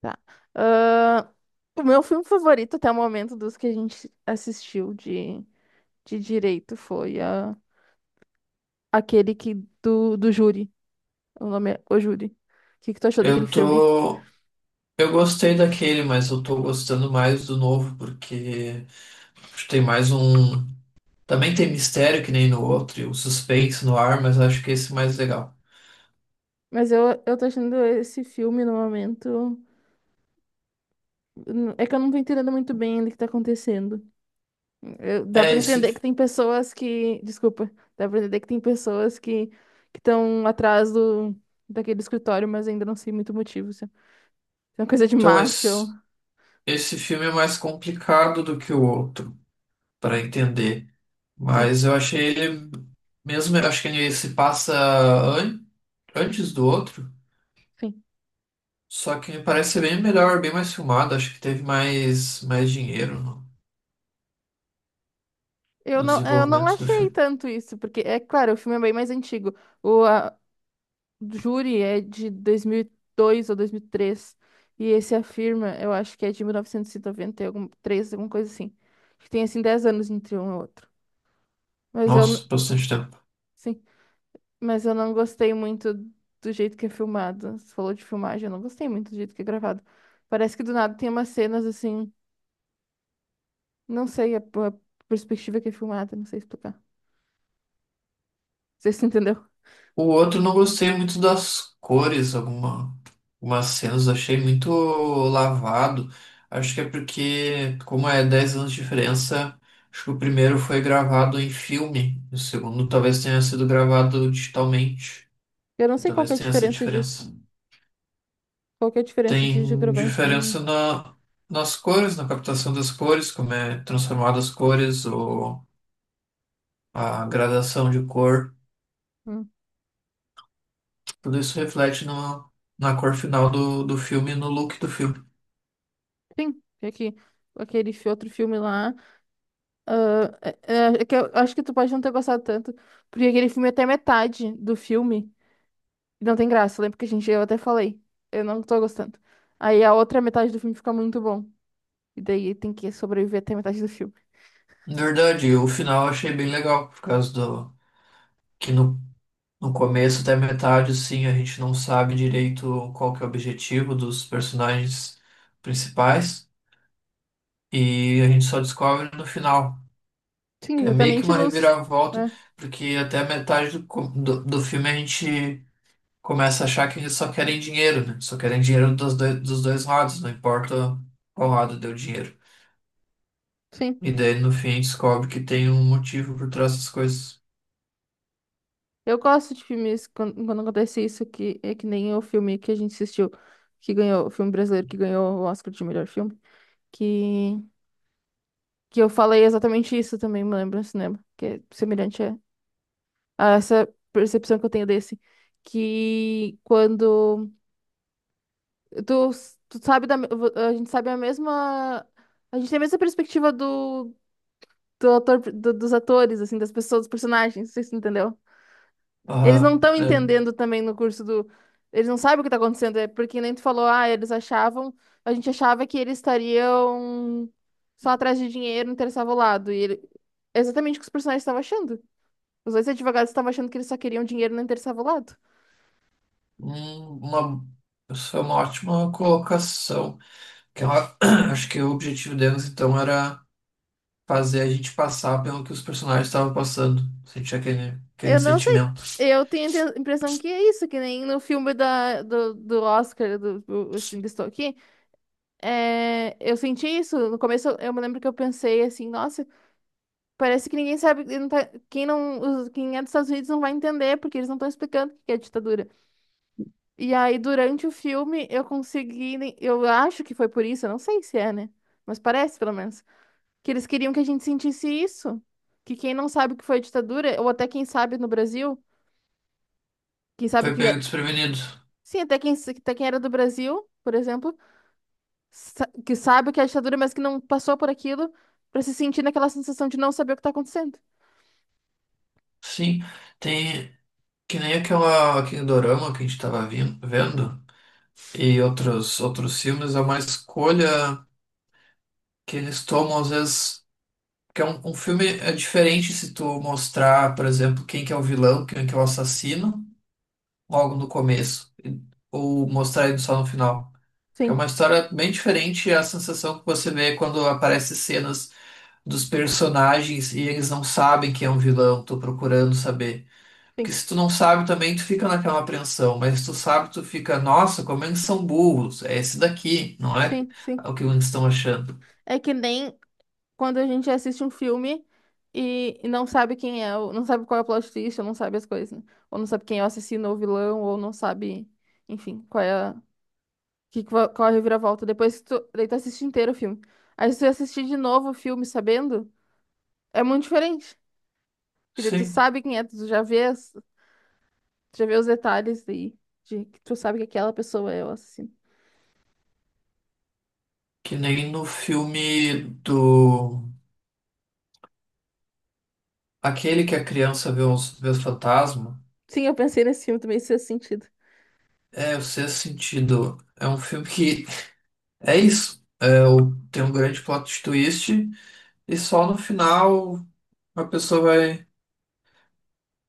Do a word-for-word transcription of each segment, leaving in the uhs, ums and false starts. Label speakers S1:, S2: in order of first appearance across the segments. S1: Tá. Ahn, o meu filme favorito até o momento dos que a gente assistiu de, de direito foi ah, aquele que do, do júri. O nome é O Júri. O que, que tu achou daquele
S2: Eu
S1: filme?
S2: tô. Eu gostei daquele, mas eu tô gostando mais do novo, porque acho que tem mais um. Também tem mistério que nem no outro, e o suspense no ar, mas acho que esse é mais legal.
S1: Mas eu, eu tô achando esse filme no momento. É que eu não tô entendendo muito bem ainda o que tá acontecendo. Eu- dá
S2: É,
S1: pra entender que
S2: esse.
S1: tem pessoas que, desculpa, dá pra entender que tem pessoas que que estão atrás do daquele escritório, mas ainda não sei muito o motivo. Se é uma coisa de
S2: Então,
S1: máfia.
S2: esse,
S1: ou-
S2: esse filme é mais complicado do que o outro, para entender.
S1: Sim,
S2: Mas eu achei ele. Mesmo, eu acho que ele se passa an- antes do outro,
S1: sim.
S2: só que me parece ser bem melhor, bem mais filmado. Acho que teve mais, mais dinheiro no
S1: Eu
S2: no
S1: não, eu não
S2: desenvolvimento do
S1: achei
S2: filme.
S1: tanto isso, porque é claro, o filme é bem mais antigo. O a, Júri é de dois mil e dois ou dois mil e três e três, e esse Afirma, eu acho que é de mil novecentos e noventa e três alguma coisa assim. Que tem assim dez anos entre um e outro. Mas eu
S2: Nossa,
S1: n-
S2: bastante tempo.
S1: sim. Mas eu não gostei muito do jeito que é filmado. Você falou de filmagem, eu não gostei muito do jeito que é gravado. Parece que do nada tem umas cenas assim, não sei a, a perspectiva que é filmada, não sei explicar. Você se entendeu?
S2: O outro não gostei muito das cores, alguma, algumas cenas achei muito lavado. Acho que é porque, como é dez anos de diferença, acho que o primeiro foi gravado em filme, o segundo talvez tenha sido gravado digitalmente.
S1: Eu não
S2: E
S1: sei qual que
S2: talvez
S1: é a
S2: tenha essa
S1: diferença disso.
S2: diferença.
S1: Qual que é a diferença de de
S2: Tem
S1: gravar em filme?
S2: diferença na, nas cores, na captação das cores, como é transformado as cores ou a gradação de cor.
S1: Hum.
S2: Tudo isso reflete no, na cor final do, do filme e no look do filme.
S1: Sim, é que aquele fi- outro filme lá, ah, é- é- é que eu acho que tu pode não ter gostado tanto, porque aquele filme é até metade do filme não tem graça. Lembra que a gente eu até falei, eu não tô gostando. Aí a outra metade do filme fica muito bom. E daí tem que sobreviver até metade do filme.
S2: Na verdade, o final eu achei bem legal, por causa do que no, no começo até metade, assim, a gente não sabe direito qual que é o objetivo dos personagens principais. E a gente só descobre no final,
S1: Sim,
S2: que é meio que
S1: exatamente
S2: uma
S1: nos.
S2: reviravolta,
S1: É,
S2: porque até a metade do, co- do, do filme a gente começa a achar que eles só querem dinheiro, né? Só querem dinheiro dos dois, dos dois lados, não importa qual lado deu dinheiro.
S1: sim.
S2: E daí no fim descobre que tem um motivo por trás das coisas.
S1: Eu gosto de filmes quando, quando acontece isso, que é que nem o filme que a gente assistiu, que ganhou, o filme brasileiro que ganhou o Oscar de melhor filme, que, que eu falei exatamente isso também, me lembro no cinema, que é semelhante a, a essa percepção que eu tenho desse, que quando tu, tu sabe da, me- a gente sabe a mesma, a gente tem a mesma perspectiva do, do autor, do- dos atores, assim, das pessoas, dos personagens, não entendeu. Eles não
S2: Aham.
S1: estão
S2: É
S1: entendendo também no curso do. Eles não sabem o que tá acontecendo, é porque nem tu falou, ah, eles achavam, a gente achava que eles estariam só atrás de dinheiro, não interessava o lado. E ele... é exatamente o que os personagens estavam achando. Os dois advogados estavam achando que eles só queriam dinheiro, não interessava o lado.
S2: um- uma, isso é uma ótima colocação. Que é uma- acho que o objetivo deles então era fazer a gente passar pelo que os personagens estavam passando. Sentir aquele, aquele
S1: Eu não sei.
S2: sentimento.
S1: Eu tenho a inte- impressão que é isso, que nem no filme da, do, do Oscar, do, do Ainda Estou Aqui. É, eu senti isso. No começo, eu me lembro que eu pensei assim, nossa, parece que ninguém sabe, não tá- quem não, os- quem é dos Estados Unidos não vai entender, porque eles não estão explicando o que é ditadura. E aí, durante o filme, eu consegui, ne- eu acho que foi por isso, eu não sei se é, né? Mas parece, pelo menos, que eles queriam que a gente sentisse isso, que quem não sabe o que foi ditadura, ou até quem sabe no Brasil, quem sabe
S2: Foi
S1: que,
S2: pego
S1: é- que
S2: desprevenido.
S1: sim, até quem, até quem era do Brasil, por exemplo sa- que sabe o que é ditadura, mas que não passou por aquilo, pra se sentir naquela sensação de não saber o que tá acontecendo.
S2: Sim, tem que nem aquela, aquele dorama que a gente estava vendo e outros, outros filmes, é uma escolha que eles tomam às vezes. Porque é um, um filme é diferente se tu mostrar, por exemplo, quem que é o vilão, quem que é o assassino, logo no começo, e- ou mostrar ele só no final. Que é
S1: Sim,
S2: uma história bem diferente, é a sensação que você vê quando aparecem cenas dos personagens e eles não sabem quem é um vilão, tô procurando saber. Porque
S1: sim,
S2: se tu não sabe também, tu fica naquela apreensão, mas se tu sabe, tu fica, nossa, como eles são burros, é esse daqui, não é.
S1: sim, sim.
S2: É o que eles estão achando.
S1: É que nem quando a gente assiste um filme e, e não sabe quem é, o- não sabe qual é o plot twist, ou não sabe as coisas, né? Ou não sabe quem é o assassino ou o vilão, ou não sabe, enfim, qual é a, que, qual qual é a reviravolta. Depois que tu, daí tu assiste inteiro o filme. Aí se tu assistir de novo o filme sabendo, é muito diferente. Porque daí tu
S2: Sim,
S1: sabe quem é, tu já vês. Já vê os detalhes aí, de que tu sabe que aquela pessoa é o assassino.
S2: que nem no filme do. Aquele que a criança vê os, vê os fantasmas
S1: Sim, eu pensei nesse filme também, isso fez sentido.
S2: é o Sexto Sentido. É um filme que é isso. É, o- tem um grande plot twist e só no final a pessoa vai.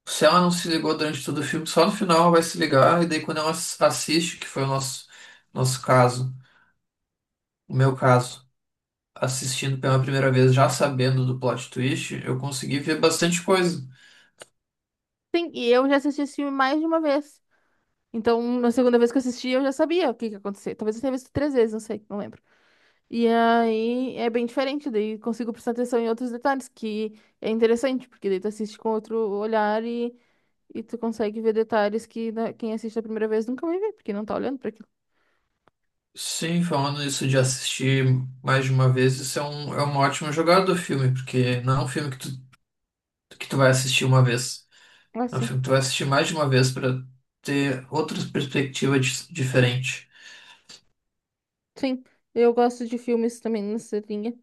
S2: Se ela não se ligou durante todo o filme, só no final ela vai se ligar e daí quando ela ass- assiste, que foi o nosso, nosso caso, o meu caso, assistindo pela primeira vez, já sabendo do plot twist, eu consegui ver bastante coisa.
S1: Sim, e eu já assisti esse filme mais de uma vez. Então, na segunda vez que eu assisti, eu já sabia o que que ia acontecer. Talvez eu tenha visto três vezes, não sei, não lembro. E aí é bem diferente, daí consigo prestar atenção em outros detalhes, que é interessante, porque daí tu assiste com outro olhar e, e tu consegue ver detalhes que na- quem assiste a primeira vez nunca vai ver, porque não tá olhando pra aquilo.
S2: Sim, falando isso de assistir mais de uma vez, isso é um, é uma ótima jogada do filme, porque não é um filme que tu, que tu vai assistir uma vez.
S1: Ah,
S2: É um
S1: sim.
S2: filme que tu vai assistir mais de uma vez para ter outras perspectivas dis- diferentes.
S1: Sim, eu gosto de filmes também nessa linha,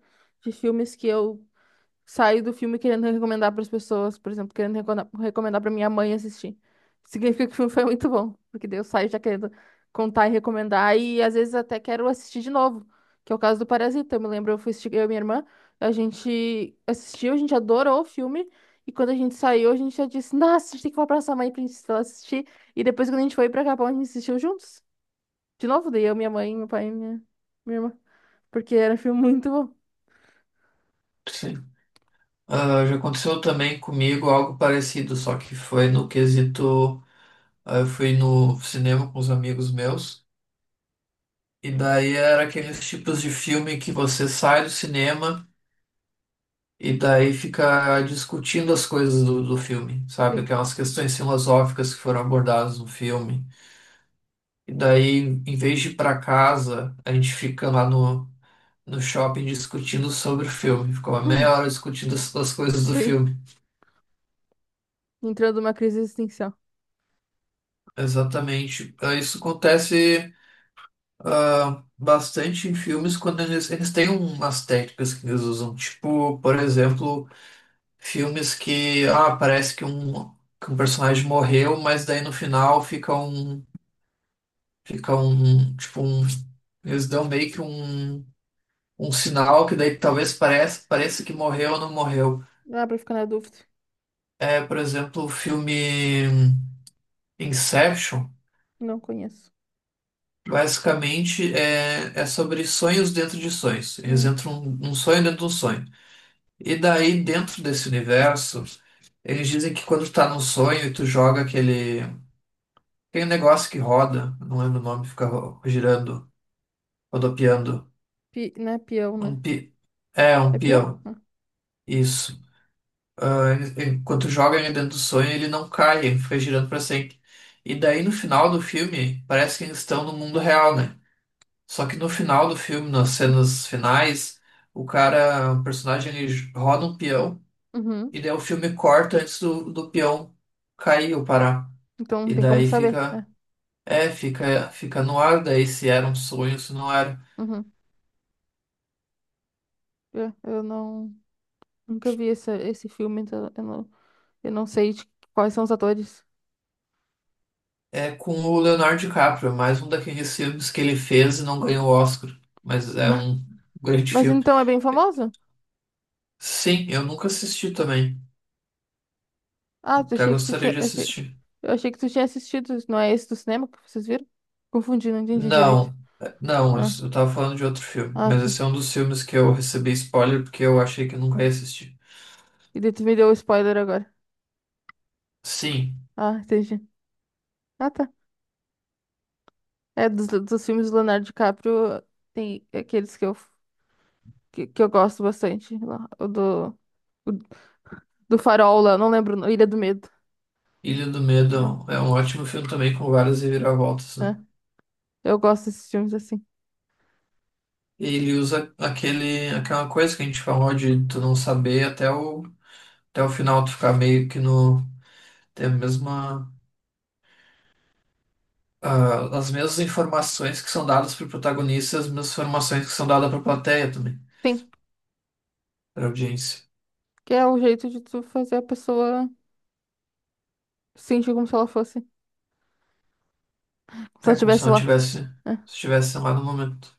S1: de filmes que eu saio do filme querendo recomendar para as pessoas, por exemplo, querendo recona- recomendar para minha mãe assistir. Significa que o filme foi muito bom, porque daí eu saio já querendo contar e recomendar, e às vezes até quero assistir de novo, que é o caso do Parasita. Eu me lembro, eu fui assistir, eu e minha irmã, a gente assistiu, a gente adorou o filme, e quando a gente saiu, a gente já disse, nossa, a gente tem que falar pra sua mãe pra gente ela assistir, e depois quando a gente foi pra Capão, a gente assistiu juntos. De novo, daí eu, minha mãe, meu pai e minha, minha irmã, porque era um filme muito bom.
S2: Sim. Ah, já aconteceu também comigo algo parecido, só que foi no quesito. Ah, eu fui no cinema com os amigos meus, e daí era aqueles tipos de filme que você sai do cinema. E daí fica discutindo as coisas do, do filme, sabe?
S1: Sim.
S2: Aquelas questões filosóficas que foram abordadas no filme. E daí, em vez de ir pra casa, a gente fica lá no, no shopping discutindo sobre o filme. Fica uma
S1: Hum,
S2: meia hora discutindo as, as coisas do
S1: sim.
S2: filme.
S1: Entrando numa crise existencial.
S2: Exatamente. Ah, isso acontece, ah, bastante em filmes quando eles, eles têm umas técnicas que eles usam. Tipo, por exemplo, filmes que, ah, parece que um, que um personagem morreu, mas daí no final fica um, fica um, tipo um, eles dão meio que um, um sinal que daí talvez pareça, pareça que morreu ou não morreu.
S1: Dá pra ficar na dúvida.
S2: É, por exemplo, o filme Inception,
S1: Não conheço.
S2: basicamente é, é sobre sonhos dentro de sonhos. Eles
S1: Hum,
S2: entram um, um sonho dentro de um sonho. E daí, dentro desse universo, eles dizem que quando tu tá num sonho e tu joga aquele. Tem um negócio que roda, não lembro o nome, fica ro- girando, rodopiando.
S1: pi, não é peão, né?
S2: Um pi... É,
S1: É
S2: um
S1: peão?
S2: peão.
S1: Ah,
S2: Isso. Ah, ele- enquanto joga ele dentro do sonho, ele não cai, ele fica girando pra sempre. E daí no final do filme, parece que eles estão no mundo real, né? Só que no final do filme, nas cenas finais, o cara, o personagem, ele j- roda um peão,
S1: uhum.
S2: e daí o filme corta antes do, do peão cair ou parar.
S1: Então não
S2: E
S1: tem como
S2: daí
S1: saber,
S2: fica.
S1: né?
S2: É, fica, fica no ar daí se era um sonho, se não era.
S1: Uhum. É, eu não... Nunca vi esse, esse filme, então eu não, eu não sei de quais são os atores.
S2: É com o Leonardo DiCaprio, é mais um daqueles filmes que ele fez e não ganhou o Oscar, mas é um grande
S1: Mas
S2: filme.
S1: então é bem famoso?
S2: Sim, eu nunca assisti também.
S1: Ah, eu
S2: Até
S1: achei que tu
S2: gostaria
S1: tinha...
S2: de
S1: Achei,
S2: assistir.
S1: eu achei que tu tinha assistido. Não é esse do cinema que vocês viram? Confundi, não entendi direito.
S2: Não, é, não, eu
S1: Ah,
S2: s- eu tava falando de outro filme,
S1: ah,
S2: mas
S1: tá.
S2: esse é um dos filmes que eu recebi spoiler porque eu achei que eu nunca ia assistir.
S1: E daí tu me deu o spoiler agora.
S2: Sim,
S1: Ah, entendi. Ah, tá. É, dos, dos filmes do Leonardo DiCaprio, tem aqueles que eu, que, que eu gosto bastante. Lá. O do, o do Farol lá, não lembro, o nome, Ilha do Medo.
S2: Ilha do
S1: É,
S2: Medo é um é um ótimo filme também com várias reviravoltas,
S1: é.
S2: né?
S1: Eu gosto desses filmes assim.
S2: Ele usa aquele, aquela coisa que a gente falou de tu não saber até o, até o final, tu ficar meio que no, tem a mesma, ah, as mesmas informações que são dadas para o protagonista, as mesmas informações que são dadas para a plateia também,
S1: Sim,
S2: para a audiência.
S1: que é um jeito de tu fazer a pessoa sentir como se ela fosse, se ela
S2: É como se
S1: estivesse
S2: não
S1: lá.
S2: tivesse,
S1: Né?
S2: se tivesse lá no momento.